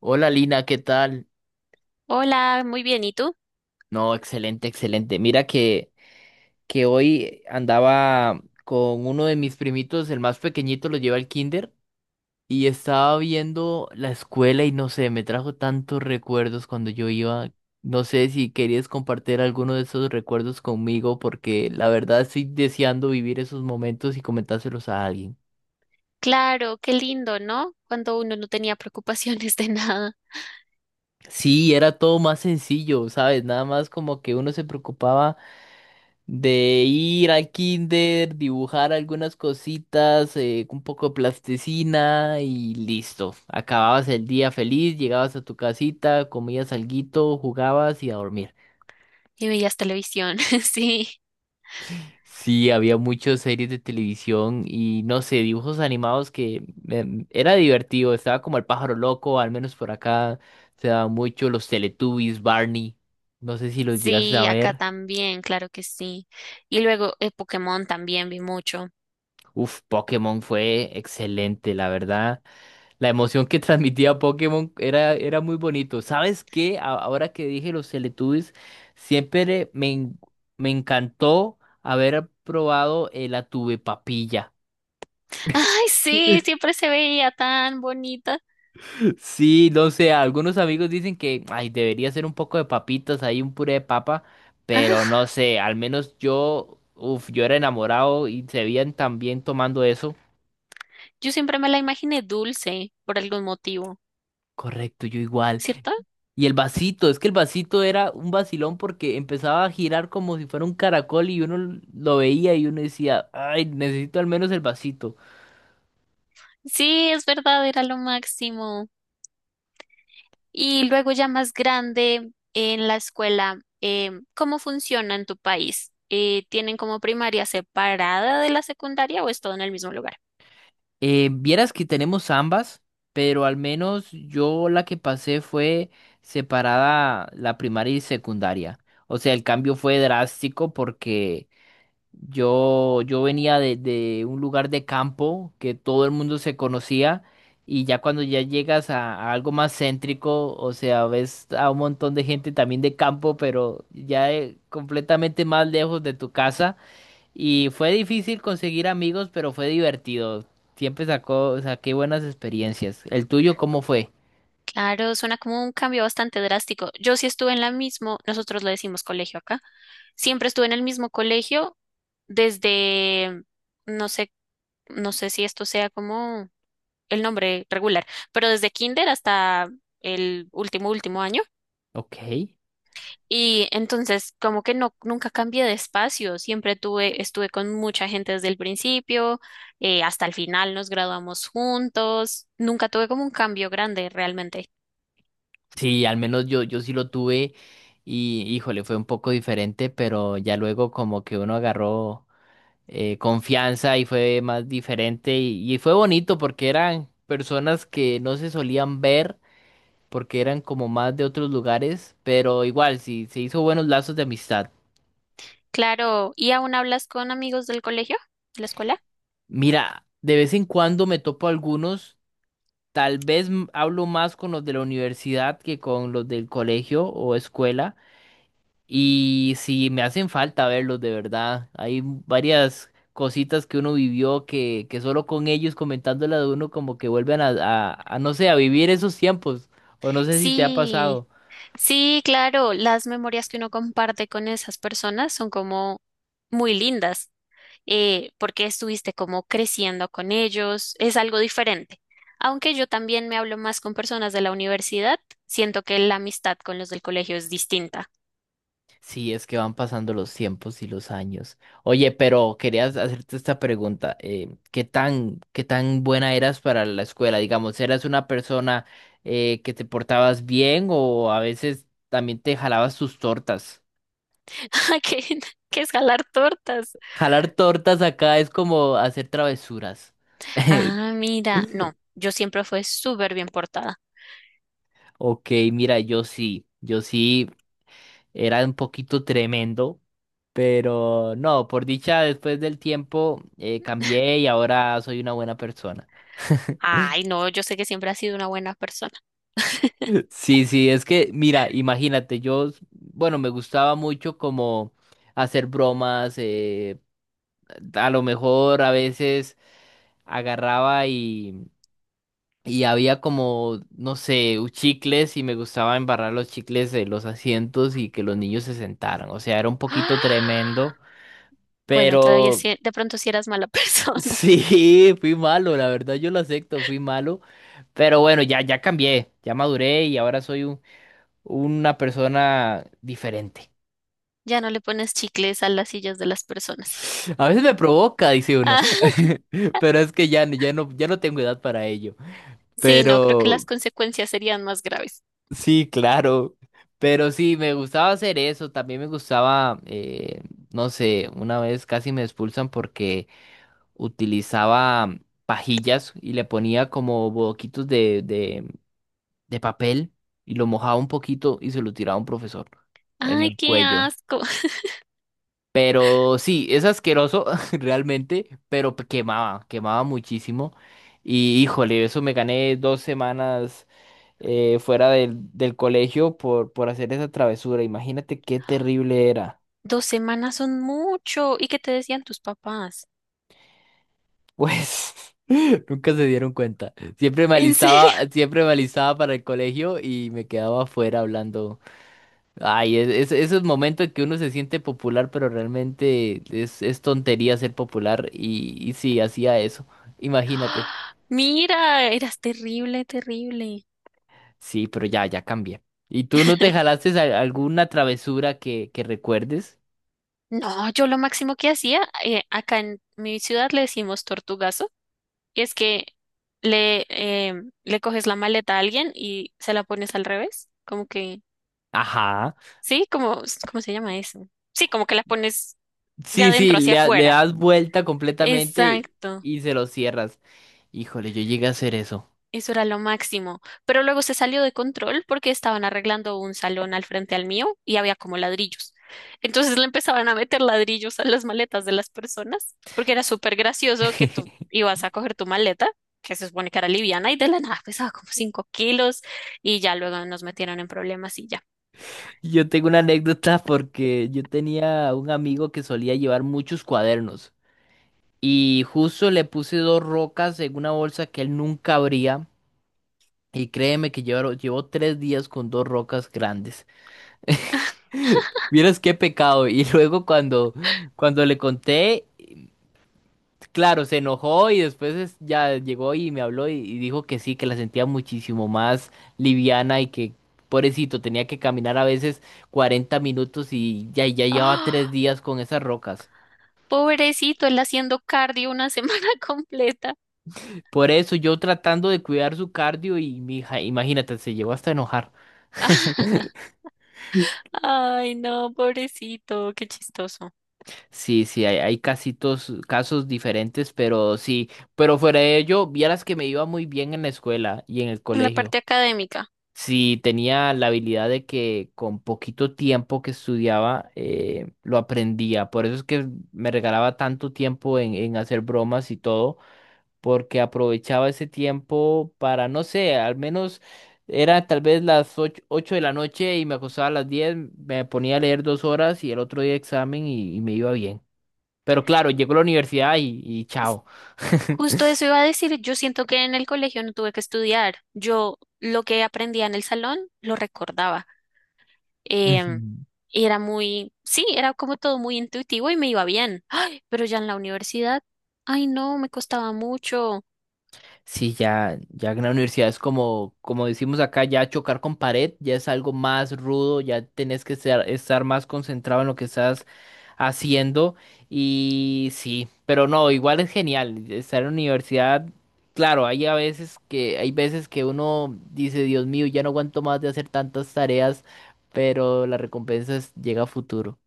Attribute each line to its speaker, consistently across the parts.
Speaker 1: Hola Lina, ¿qué tal?
Speaker 2: Hola, muy bien, ¿y tú?
Speaker 1: No, excelente, excelente. Mira que hoy andaba con uno de mis primitos, el más pequeñito, lo lleva al kinder, y estaba viendo la escuela y no sé, me trajo tantos recuerdos cuando yo iba. No sé si querías compartir alguno de esos recuerdos conmigo, porque la verdad estoy deseando vivir esos momentos y comentárselos a alguien.
Speaker 2: Claro, qué lindo, ¿no? Cuando uno no tenía preocupaciones de nada
Speaker 1: Sí, era todo más sencillo, ¿sabes? Nada más como que uno se preocupaba. De ir al kinder, dibujar algunas cositas, un poco de plasticina y listo. Acababas el día feliz, llegabas a tu casita, comías alguito, jugabas y a dormir.
Speaker 2: y veías televisión, sí.
Speaker 1: Sí, había muchas series de televisión y no sé, dibujos animados que era divertido. Estaba como el pájaro loco, al menos por acá se daban mucho los Teletubbies, Barney. No sé si los llegaste a
Speaker 2: Sí, acá
Speaker 1: ver.
Speaker 2: también, claro que sí. Y luego Pokémon también vi mucho.
Speaker 1: Uf, Pokémon fue excelente, la verdad. La emoción que transmitía Pokémon era muy bonito. ¿Sabes qué? Ahora que dije los Teletubbies, siempre me, en- me encantó haber probado la tuve papilla.
Speaker 2: Ay, sí, siempre se veía tan bonita.
Speaker 1: Sí, no sé, algunos amigos dicen que ay, debería ser un poco de papitas, ahí un puré de papa, pero no
Speaker 2: Ah,
Speaker 1: sé, al menos yo, uf, yo era enamorado y se veían tan bien tomando eso.
Speaker 2: yo siempre me la imaginé dulce por algún motivo,
Speaker 1: Correcto, yo igual.
Speaker 2: ¿cierto?
Speaker 1: Y el vasito, es que el vasito era un vacilón porque empezaba a girar como si fuera un caracol y uno lo veía y uno decía, ay, necesito al menos el vasito.
Speaker 2: Sí, es verdad, era lo máximo. Y luego ya más grande en la escuela, ¿cómo funciona en tu país? ¿Tienen como primaria separada de la secundaria o es todo en el mismo lugar?
Speaker 1: Vieras que tenemos ambas, pero al menos yo la que pasé fue separada la primaria y secundaria. O sea, el cambio fue drástico porque yo venía de un lugar de campo que todo el mundo se conocía y ya cuando ya llegas a algo más céntrico, o sea, ves a un montón de gente también de campo, pero ya completamente más lejos de tu casa y fue difícil conseguir amigos, pero fue divertido. Saqué buenas experiencias. ¿El tuyo cómo fue?
Speaker 2: Claro, suena como un cambio bastante drástico. Yo sí estuve en la misma, nosotros le decimos colegio acá, siempre estuve en el mismo colegio desde, no sé, no sé si esto sea como el nombre regular, pero desde kinder hasta el último, último año.
Speaker 1: Ok.
Speaker 2: Y entonces, como que no, nunca cambié de espacio, siempre estuve con mucha gente desde el principio, hasta el final nos graduamos juntos, nunca tuve como un cambio grande realmente.
Speaker 1: Sí, al menos yo sí lo tuve y híjole, fue un poco diferente, pero ya luego como que uno agarró confianza y fue más diferente y fue bonito porque eran personas que no se solían ver porque eran como más de otros lugares, pero igual sí se hizo buenos lazos de amistad.
Speaker 2: Claro, ¿y aún hablas con amigos del colegio, de la escuela?
Speaker 1: Mira, de vez en cuando me topo algunos, tal vez hablo más con los de la universidad que con los del colegio o escuela. Y si me hacen falta verlos de verdad. Hay varias cositas que uno vivió que solo con ellos comentándolas de uno como que vuelven a no sé, a vivir esos tiempos. O no sé si te ha
Speaker 2: Sí,
Speaker 1: pasado.
Speaker 2: sí, claro, las memorias que uno comparte con esas personas son como muy lindas. Porque estuviste como creciendo con ellos, es algo diferente. Aunque yo también me hablo más con personas de la universidad, siento que la amistad con los del colegio es distinta.
Speaker 1: Sí, es que van pasando los tiempos y los años. Oye, pero querías hacerte esta pregunta. Eh, qué tan buena eras para la escuela? Digamos, ¿eras una persona que te portabas bien o a veces también te jalabas tus tortas?
Speaker 2: que, que es jalar tortas?
Speaker 1: Jalar tortas acá es como hacer travesuras.
Speaker 2: Ah, mira, no, yo siempre fui súper bien portada.
Speaker 1: Ok, mira, yo sí era un poquito tremendo, pero no, por dicha, después del tiempo cambié y ahora soy una buena persona.
Speaker 2: Ay, no, yo sé que siempre has sido una buena persona.
Speaker 1: Sí, sí, es que, mira, imagínate, yo, bueno, me gustaba mucho como hacer bromas, a lo mejor a veces agarraba. Y había como, no sé, chicles y me gustaba embarrar los chicles de los asientos y que los niños se sentaran. O sea, era un poquito
Speaker 2: ¡Ah!
Speaker 1: tremendo,
Speaker 2: Bueno, todavía
Speaker 1: pero
Speaker 2: sí- de pronto si eras mala persona,
Speaker 1: sí, fui malo, la verdad yo lo acepto, fui malo. Pero bueno, ya cambié, ya maduré y ahora soy una persona diferente.
Speaker 2: ya no le pones chicles a las sillas de las personas.
Speaker 1: A veces me provoca, dice uno,
Speaker 2: Ah,
Speaker 1: pero es que ya no tengo edad para ello.
Speaker 2: sí, no, creo que las
Speaker 1: Pero
Speaker 2: consecuencias serían más graves.
Speaker 1: sí, claro. Pero sí, me gustaba hacer eso. También me gustaba, no sé, una vez casi me expulsan porque utilizaba pajillas y le ponía como boquitos de papel y lo mojaba un poquito y se lo tiraba a un profesor en
Speaker 2: Ay,
Speaker 1: el
Speaker 2: qué
Speaker 1: cuello.
Speaker 2: asco.
Speaker 1: Pero sí, es asqueroso realmente, pero quemaba muchísimo. Y híjole, eso me gané 2 semanas fuera del colegio por hacer esa travesura. Imagínate qué terrible era.
Speaker 2: 2 semanas son mucho. ¿Y qué te decían tus papás?
Speaker 1: Pues nunca se dieron cuenta.
Speaker 2: ¿En serio?
Speaker 1: Siempre me alistaba para el colegio y me quedaba afuera hablando. Ay, esos momentos que uno se siente popular, pero realmente es tontería ser popular. Y sí, hacía eso. Imagínate.
Speaker 2: ¡Ah! Mira, eras terrible, terrible.
Speaker 1: Sí, pero ya, ya cambié. ¿Y tú no te jalaste alguna travesura que recuerdes?
Speaker 2: No, yo lo máximo que hacía, acá en mi ciudad le decimos tortugazo, y es que le, eh, le coges la maleta a alguien y se la pones al revés, como que
Speaker 1: Ajá.
Speaker 2: sí, como, ¿cómo se llama eso? Sí, como que la pones de
Speaker 1: Sí, sí,
Speaker 2: adentro hacia
Speaker 1: le
Speaker 2: afuera.
Speaker 1: das vuelta completamente
Speaker 2: Exacto,
Speaker 1: y se lo cierras. Híjole, yo llegué a hacer eso.
Speaker 2: eso era lo máximo. Pero luego se salió de control porque estaban arreglando un salón al frente al mío y había como ladrillos. Entonces le empezaban a meter ladrillos a las maletas de las personas porque era súper gracioso que tú ibas a coger tu maleta, que se supone que era liviana, y de la nada pesaba como 5 kilos y ya luego nos metieron en problemas y ya.
Speaker 1: Yo tengo una anécdota porque yo tenía un amigo que solía llevar muchos cuadernos y justo le puse dos rocas en una bolsa que él nunca abría y créeme que llevó 3 días con dos rocas grandes. Vieras qué pecado. Y luego cuando le conté. Claro, se enojó y después ya llegó y me habló y dijo que sí, que la sentía muchísimo más liviana y que pobrecito tenía que caminar a veces 40 minutos y ya, ya llevaba tres
Speaker 2: ¡Ah!
Speaker 1: días con esas rocas.
Speaker 2: Pobrecito, él haciendo cardio una semana completa.
Speaker 1: Por eso yo tratando de cuidar su cardio y mi hija, imagínate, se llegó hasta a enojar.
Speaker 2: Ay, no, pobrecito, qué chistoso.
Speaker 1: Sí, sí, hay casitos, casos diferentes, pero sí, pero fuera de ello, vieras que me iba muy bien en la escuela y en el
Speaker 2: En la
Speaker 1: colegio.
Speaker 2: parte académica.
Speaker 1: Si tenía la habilidad de que con poquito tiempo que estudiaba lo aprendía. Por eso es que me regalaba tanto tiempo en hacer bromas y todo, porque aprovechaba ese tiempo para, no sé, al menos era tal vez las ocho de la noche y me acostaba a las diez, me ponía a leer 2 horas y el otro día examen y me iba bien. Pero claro, llegó a la universidad y
Speaker 2: es-
Speaker 1: chao.
Speaker 2: Justo eso iba a decir, yo siento que en el colegio no tuve que estudiar. Yo lo que aprendía en el salón lo recordaba. Em, y era muy, sí, era como todo muy intuitivo y me iba bien. Ay, pero ya en la universidad, ay, no, me costaba mucho.
Speaker 1: Sí, ya en la universidad es como, como decimos acá, ya chocar con pared, ya es algo más rudo, ya tenés que estar más concentrado en lo que estás haciendo y sí, pero no, igual es genial estar en la universidad. Claro, hay veces que uno dice, Dios mío, ya no aguanto más de hacer tantas tareas, pero la recompensa llega a futuro.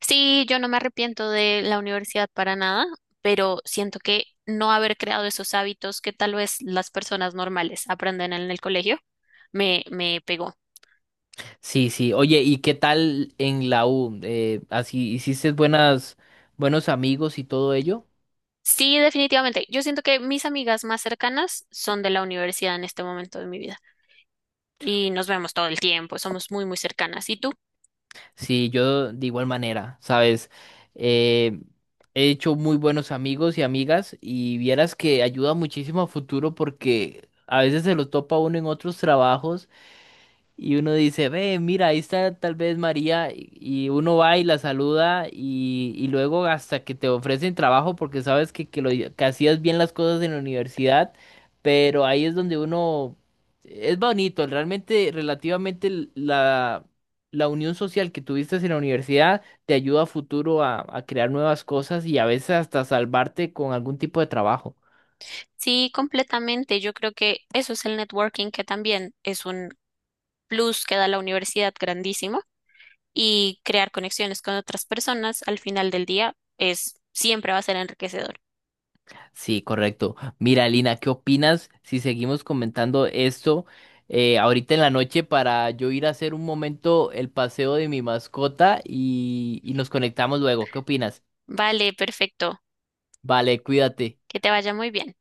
Speaker 2: Sí, yo no me arrepiento de la universidad para nada, pero siento que no haber creado esos hábitos que tal vez las personas normales aprenden en el colegio me pegó.
Speaker 1: Sí, sí. Oye, ¿y qué tal en la U? Así, ¿hiciste buenos amigos y todo ello?
Speaker 2: Sí, definitivamente. Yo siento que mis amigas más cercanas son de la universidad en este momento de mi vida y nos vemos todo el tiempo, somos muy, muy cercanas. ¿Y tú?
Speaker 1: Sí, yo de igual manera, ¿sabes? Eh, he hecho muy buenos amigos y amigas y vieras que ayuda muchísimo a futuro porque a veces se lo topa uno en otros trabajos y uno dice, ve, mira, ahí está tal vez María, y uno va y la saluda y luego hasta que te ofrecen trabajo porque sabes que hacías bien las cosas en la universidad, pero ahí es donde uno, es bonito, realmente relativamente la unión social que tuviste en la universidad te ayuda a futuro a crear nuevas cosas y a veces hasta salvarte con algún tipo de trabajo.
Speaker 2: Sí, completamente. Yo creo que eso es el networking, que también es un plus que da la universidad grandísimo y crear conexiones con otras personas al final del día es siempre va a ser enriquecedor.
Speaker 1: Sí, correcto. Mira, Lina, ¿qué opinas si seguimos comentando esto ahorita en la noche para yo ir a hacer un momento el paseo de mi mascota y nos conectamos luego? ¿Qué opinas?
Speaker 2: Vale, perfecto.
Speaker 1: Vale, cuídate.
Speaker 2: Que te vaya muy bien.